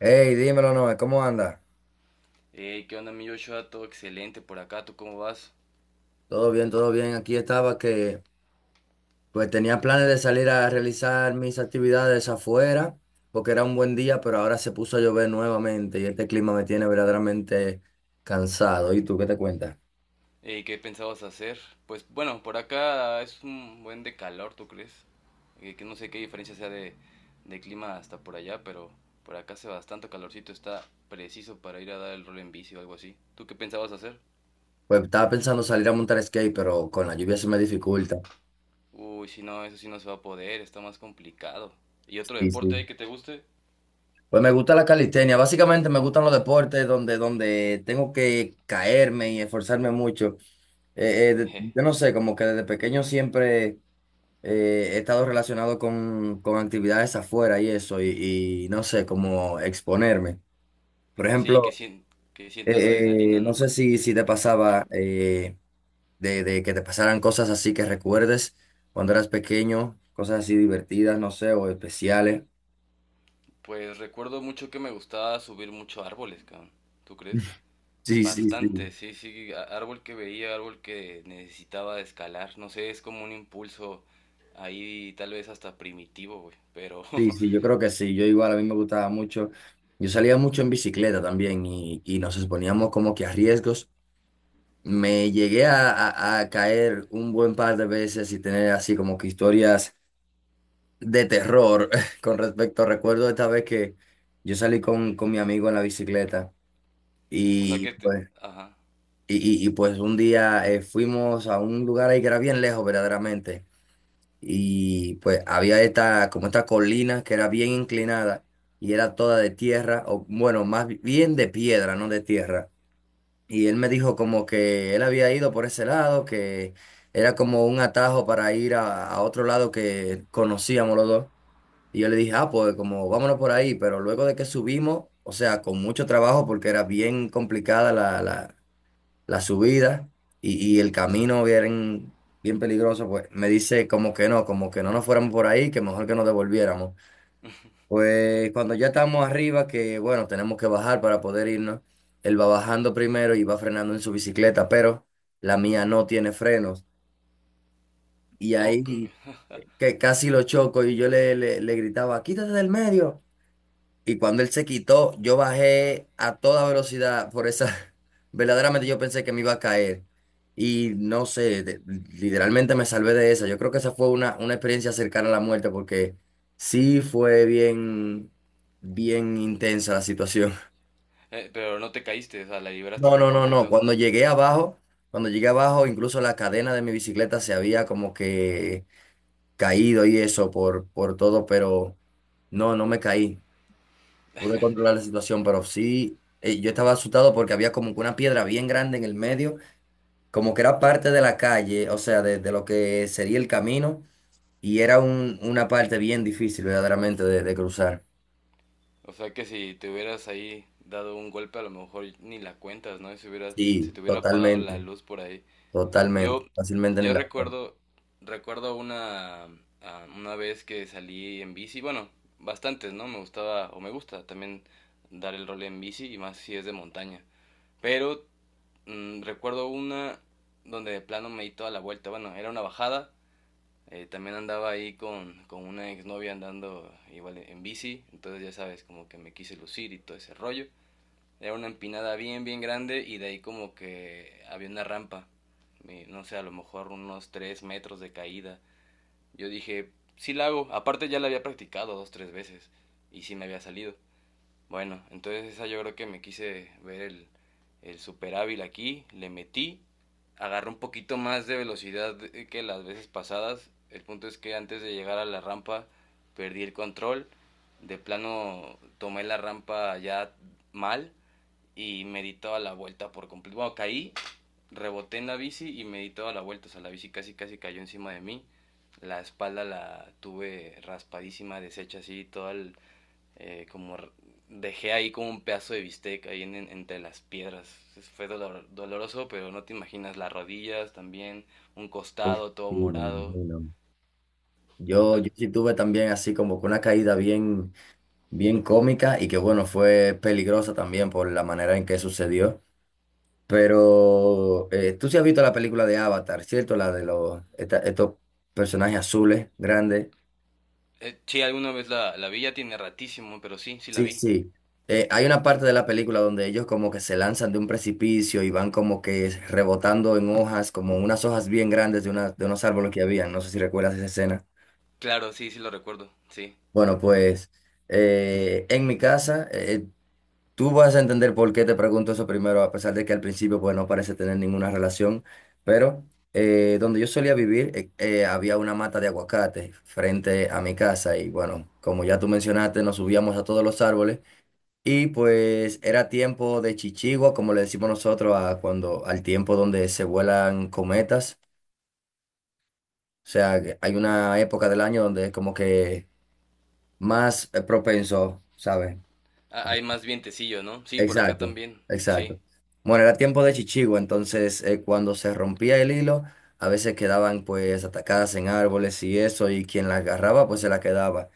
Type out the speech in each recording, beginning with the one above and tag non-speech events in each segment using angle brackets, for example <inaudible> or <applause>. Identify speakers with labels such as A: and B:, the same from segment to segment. A: Hey, dímelo, Noé, ¿cómo anda?
B: Hey, ¿qué onda, mi Joshua? Todo excelente por acá, ¿tú cómo vas?
A: Todo bien, todo bien. Aquí estaba que pues tenía planes de salir a realizar mis actividades afuera porque era un buen día, pero ahora se puso a llover nuevamente y este clima me tiene verdaderamente cansado. ¿Y tú qué te cuentas?
B: Hey, ¿qué pensabas hacer? Pues bueno, por acá es un buen de calor, ¿tú crees? Que no sé qué diferencia sea de clima hasta por allá, pero por acá hace bastante calorcito, está preciso para ir a dar el rol en bici o algo así. ¿Tú qué pensabas hacer?
A: Pues estaba pensando salir a montar skate, pero con la lluvia se me dificulta.
B: Uy, si no, eso sí no se va a poder, está más complicado. ¿Y otro
A: Sí,
B: deporte
A: sí.
B: ahí que te guste?
A: Pues me gusta la calistenia. Básicamente me gustan los deportes donde tengo que caerme y esforzarme mucho.
B: Eje.
A: Yo no sé, como que desde pequeño siempre he estado relacionado con actividades afuera y eso, y no sé, como exponerme. Por
B: Sí,
A: ejemplo,
B: que sientas la adrenalina,
A: no
B: ¿no?
A: sé si te pasaba de que te pasaran cosas así que recuerdes cuando eras pequeño, cosas así divertidas, no sé, o especiales.
B: Pues recuerdo mucho que me gustaba subir mucho árboles, cabrón. ¿Tú crees?
A: Sí, sí,
B: Bastante,
A: sí.
B: sí, sí, árbol que veía, árbol que necesitaba de escalar, no sé, es como un impulso ahí tal vez hasta primitivo, güey, pero,
A: Sí, sí, yo
B: <laughs>
A: creo que sí. Yo igual a mí me gustaba mucho. Yo salía mucho en bicicleta también y nos exponíamos como que a riesgos. Me llegué a caer un buen par de veces y tener así como que historias de terror <laughs> con respecto. Recuerdo esta vez que yo salí con mi amigo en la bicicleta
B: o sea
A: y
B: que te,
A: pues,
B: ajá,
A: y, pues un día fuimos a un lugar ahí que era bien lejos verdaderamente y pues había esta como esta colina que era bien inclinada y era toda de tierra o bueno, más bien de piedra, no de tierra. Y él me dijo como que él había ido por ese lado, que era como un atajo para ir a otro lado que conocíamos los dos. Y yo le dije, ah, pues como vámonos por ahí, pero luego de que subimos, o sea, con mucho trabajo porque era bien complicada la subida y el camino bien peligroso, pues me dice como que no nos fuéramos por ahí, que mejor que nos devolviéramos. Pues cuando ya estamos arriba, que bueno, tenemos que bajar para poder irnos, él va bajando primero y va frenando en su bicicleta, pero la mía no tiene frenos. Y
B: Oh,
A: ahí
B: c- <laughs>
A: que casi lo choco y yo le gritaba, quítate del medio. Y cuando él se quitó, yo bajé a toda velocidad por esa, <laughs> verdaderamente yo pensé que me iba a caer. Y no sé, literalmente me salvé de esa. Yo creo que esa fue una experiencia cercana a la muerte porque sí fue bien intensa la situación. <laughs>
B: pero no te caíste, o sea, la liberaste
A: No,
B: por
A: no, no, no.
B: completo,
A: Cuando llegué abajo, incluso la cadena de mi bicicleta se había como que caído y eso por todo, pero no, no me caí. Pude controlar la situación, pero sí, yo estaba asustado porque había como que una piedra bien grande en el medio, como que era parte de la calle, o sea, de lo que sería el camino, y era un, una parte bien difícil verdaderamente de cruzar.
B: o sea que si te hubieras ahí dado un golpe a lo mejor ni la cuentas, ¿no? Se
A: Sí,
B: te hubiera apagado la
A: totalmente,
B: luz por ahí.
A: totalmente,
B: Yo,
A: fácilmente ni
B: yo
A: la cuento.
B: recuerdo, recuerdo una vez que salí en bici, bueno, bastantes, ¿no? Me gustaba, o me gusta también dar el rol en bici, y más si es de montaña. Pero recuerdo una donde de plano me di toda la vuelta, bueno, era una bajada, también andaba ahí con una exnovia andando igual en bici, entonces ya sabes, como que me quise lucir y todo ese rollo. Era una empinada bien, bien grande y de ahí como que había una rampa. Y no sé, a lo mejor unos 3 metros de caída. Yo dije, sí la hago. Aparte ya la había practicado dos, tres veces y sí me había salido. Bueno, entonces esa yo creo que me quise ver el super hábil aquí. Le metí, agarré un poquito más de velocidad que las veces pasadas. El punto es que antes de llegar a la rampa perdí el control. De plano tomé la rampa ya mal y me di toda la vuelta por completo. Bueno, caí, reboté en la bici y me di toda la vuelta. O sea, la bici casi casi cayó encima de mí. La espalda la tuve raspadísima, deshecha así, como dejé ahí como un pedazo de bistec ahí entre las piedras. Fue doloroso, pero no te imaginas las rodillas también, un
A: Uf,
B: costado todo
A: sí, me
B: morado.
A: imagino. Yo,
B: Ah,
A: yo sí tuve también así como que una caída bien cómica y que bueno, fue peligrosa también por la manera en que sucedió. Pero tú sí has visto la película de Avatar, ¿cierto? La de los, estos personajes azules, grandes.
B: sí, alguna vez la vi, ya tiene ratísimo, pero sí, sí la
A: Sí,
B: vi.
A: sí. Hay una parte de la película donde ellos como que se lanzan de un precipicio y van como que rebotando en hojas, como unas hojas bien grandes de, de unos árboles que habían. No sé si recuerdas esa escena.
B: Claro, sí, sí lo recuerdo, sí.
A: Bueno, pues en mi casa, tú vas a entender por qué te pregunto eso primero, a pesar de que al principio pues no parece tener ninguna relación, pero donde yo solía vivir había una mata de aguacate frente a mi casa y bueno, como ya tú mencionaste, nos subíamos a todos los árboles y pues era tiempo de chichigua, como le decimos nosotros a cuando al tiempo donde se vuelan cometas, o sea, que hay una época del año donde es como que más propenso, ¿sabes?
B: Ah, hay más vientecillo, ¿no? Sí, por acá
A: Exacto,
B: también. Sí.
A: exacto. Bueno, era tiempo de chichigo, entonces cuando se rompía el hilo, a veces quedaban pues atacadas en árboles y eso, y quien las agarraba pues se la quedaba.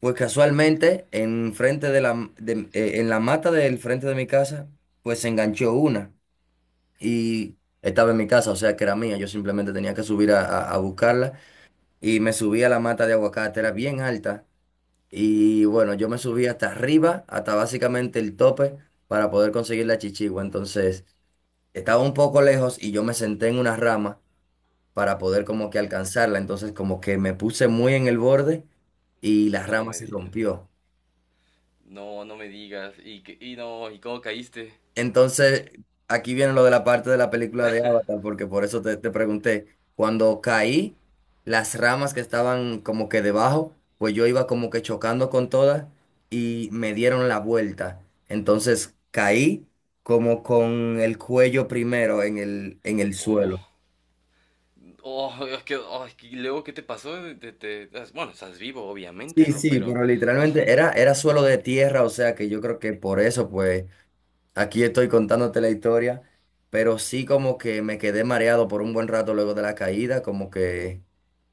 A: Pues casualmente, en frente en la mata del frente de mi casa, pues se enganchó una y estaba en mi casa, o sea que era mía, yo simplemente tenía que subir a buscarla y me subí a la mata de aguacate, era bien alta y bueno, yo me subí hasta arriba, hasta básicamente el tope, para poder conseguir la chichigua. Entonces, estaba un poco lejos y yo me senté en una rama para poder como que
B: No,
A: alcanzarla. Entonces, como que me puse muy en el borde y la
B: no
A: rama
B: me
A: se
B: digas.
A: rompió.
B: No, no me digas. Y no, ¿y cómo caíste?
A: Entonces, aquí viene lo de la parte de la película de Avatar, porque por eso te pregunté, cuando caí, las ramas que estaban como que debajo, pues yo iba como que chocando con todas y me dieron la vuelta. Entonces, caí como con el cuello primero en en el
B: Oh,
A: suelo.
B: oh, y luego, ¿qué te pasó? Bueno, estás vivo, obviamente,
A: Sí,
B: ¿no?
A: sí,
B: Pero
A: pero literalmente era, era suelo de tierra, o sea que yo creo que por eso, pues... Aquí estoy contándote la historia, pero sí como que me quedé mareado por un buen rato luego de la caída, como que,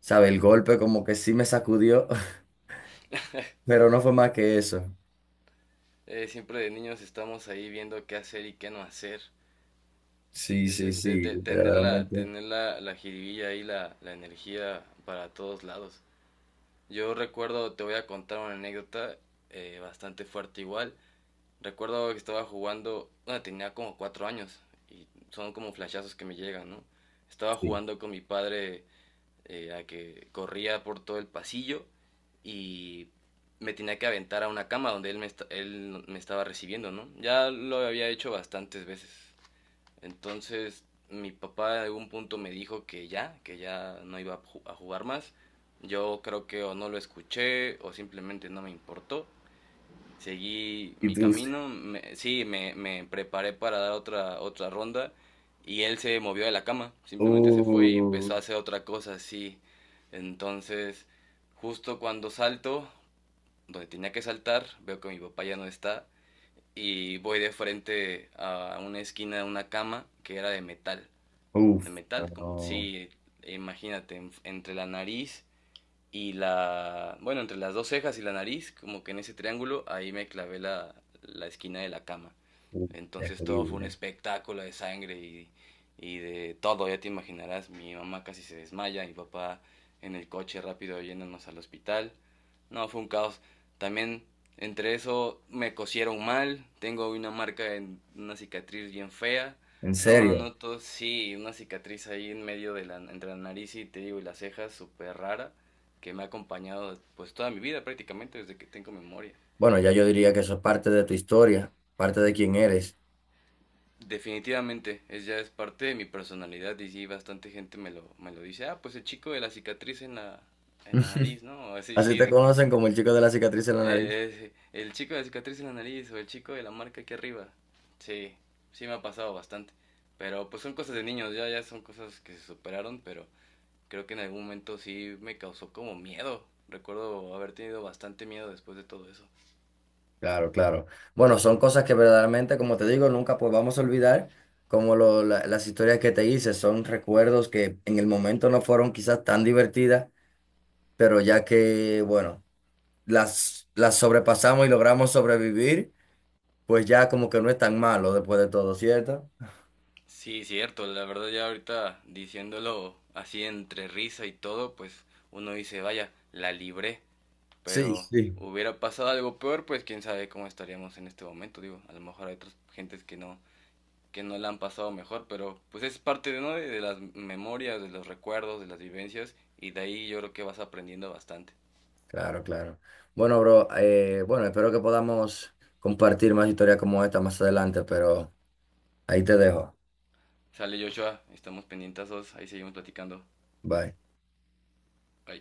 A: sabe, el golpe como que sí me sacudió, <laughs> pero no fue más que eso.
B: siempre de niños estamos ahí viendo qué hacer y qué no hacer.
A: Sí,
B: Es
A: sí,
B: este,
A: sí,
B: tener
A: verdaderamente.
B: tener la jiribilla y la energía para todos lados. Yo recuerdo, te voy a contar una anécdota bastante fuerte igual. Recuerdo que estaba jugando, bueno, tenía como 4 años y son como flashazos que me llegan, ¿no? Estaba
A: Sí.
B: jugando con mi padre a que corría por todo el pasillo y me tenía que aventar a una cama donde él me estaba recibiendo, ¿no? Ya lo había hecho bastantes veces. Entonces mi papá en algún punto me dijo que ya no iba a a jugar más. Yo creo que o no lo escuché o simplemente no me importó, seguí
A: Y
B: mi
A: tú,
B: camino, sí, me preparé para dar otra, otra ronda y él se movió de la cama, simplemente se fue y
A: uh,
B: empezó a hacer otra cosa así. Entonces, justo cuando salto, donde tenía que saltar, veo que mi papá ya no está y voy de frente a una esquina de una cama que era de metal. ¿De
A: uf,
B: metal?
A: no,
B: Sí, imagínate, entre la nariz y bueno, entre las dos cejas y la nariz, como que en ese triángulo, ahí me clavé la esquina de la cama.
A: uf,
B: Entonces todo fue un
A: terrible.
B: espectáculo de sangre y de todo, ya te imaginarás, mi mamá casi se desmaya, mi papá en el coche rápido yéndonos al hospital. No, fue un caos. También entre eso me cosieron mal, tengo una marca en una cicatriz bien fea.
A: En
B: No,
A: serio.
B: no, todo sí, una cicatriz ahí en medio de la entre la nariz y te digo y las cejas, súper rara que me ha acompañado pues toda mi vida prácticamente desde que tengo memoria.
A: Bueno, ya yo diría que eso es parte de tu historia, parte de quién eres.
B: Definitivamente, es ya es parte de mi personalidad y sí, bastante gente me me lo dice, ah, pues el chico de la cicatriz en en la
A: <laughs>
B: nariz, ¿no? Así,
A: Así
B: sí,
A: te
B: definitivamente.
A: conocen como el chico de la cicatriz en la nariz.
B: Eh, eh, el chico de la cicatriz en la nariz o el chico de la marca aquí arriba. Sí, sí me ha pasado bastante. Pero pues son cosas de niños, ya, ya son cosas que se superaron, pero creo que en algún momento sí me causó como miedo. Recuerdo haber tenido bastante miedo después de todo eso.
A: Claro, claro. Bueno, son cosas que verdaderamente, como te digo, nunca pues vamos a olvidar, como las historias que te hice, son recuerdos que en el momento no fueron quizás tan divertidas, pero ya que, bueno, las sobrepasamos y logramos sobrevivir, pues ya como que no es tan malo después de todo, ¿cierto?
B: Sí, cierto, la verdad ya ahorita diciéndolo así entre risa y todo, pues uno dice, vaya, la libré,
A: Sí,
B: pero
A: sí.
B: hubiera pasado algo peor, pues quién sabe cómo estaríamos en este momento, digo, a lo mejor hay otras gentes que no, que no la han pasado mejor, pero pues es parte de, ¿no? De las memorias, de los recuerdos, de las vivencias y de ahí yo creo que vas aprendiendo bastante.
A: Claro, claro. Bueno, bro, bueno, espero que podamos compartir más historias como esta más adelante, pero ahí te dejo.
B: Sale Joshua, estamos pendientes, ahí seguimos platicando.
A: Bye.
B: Bye.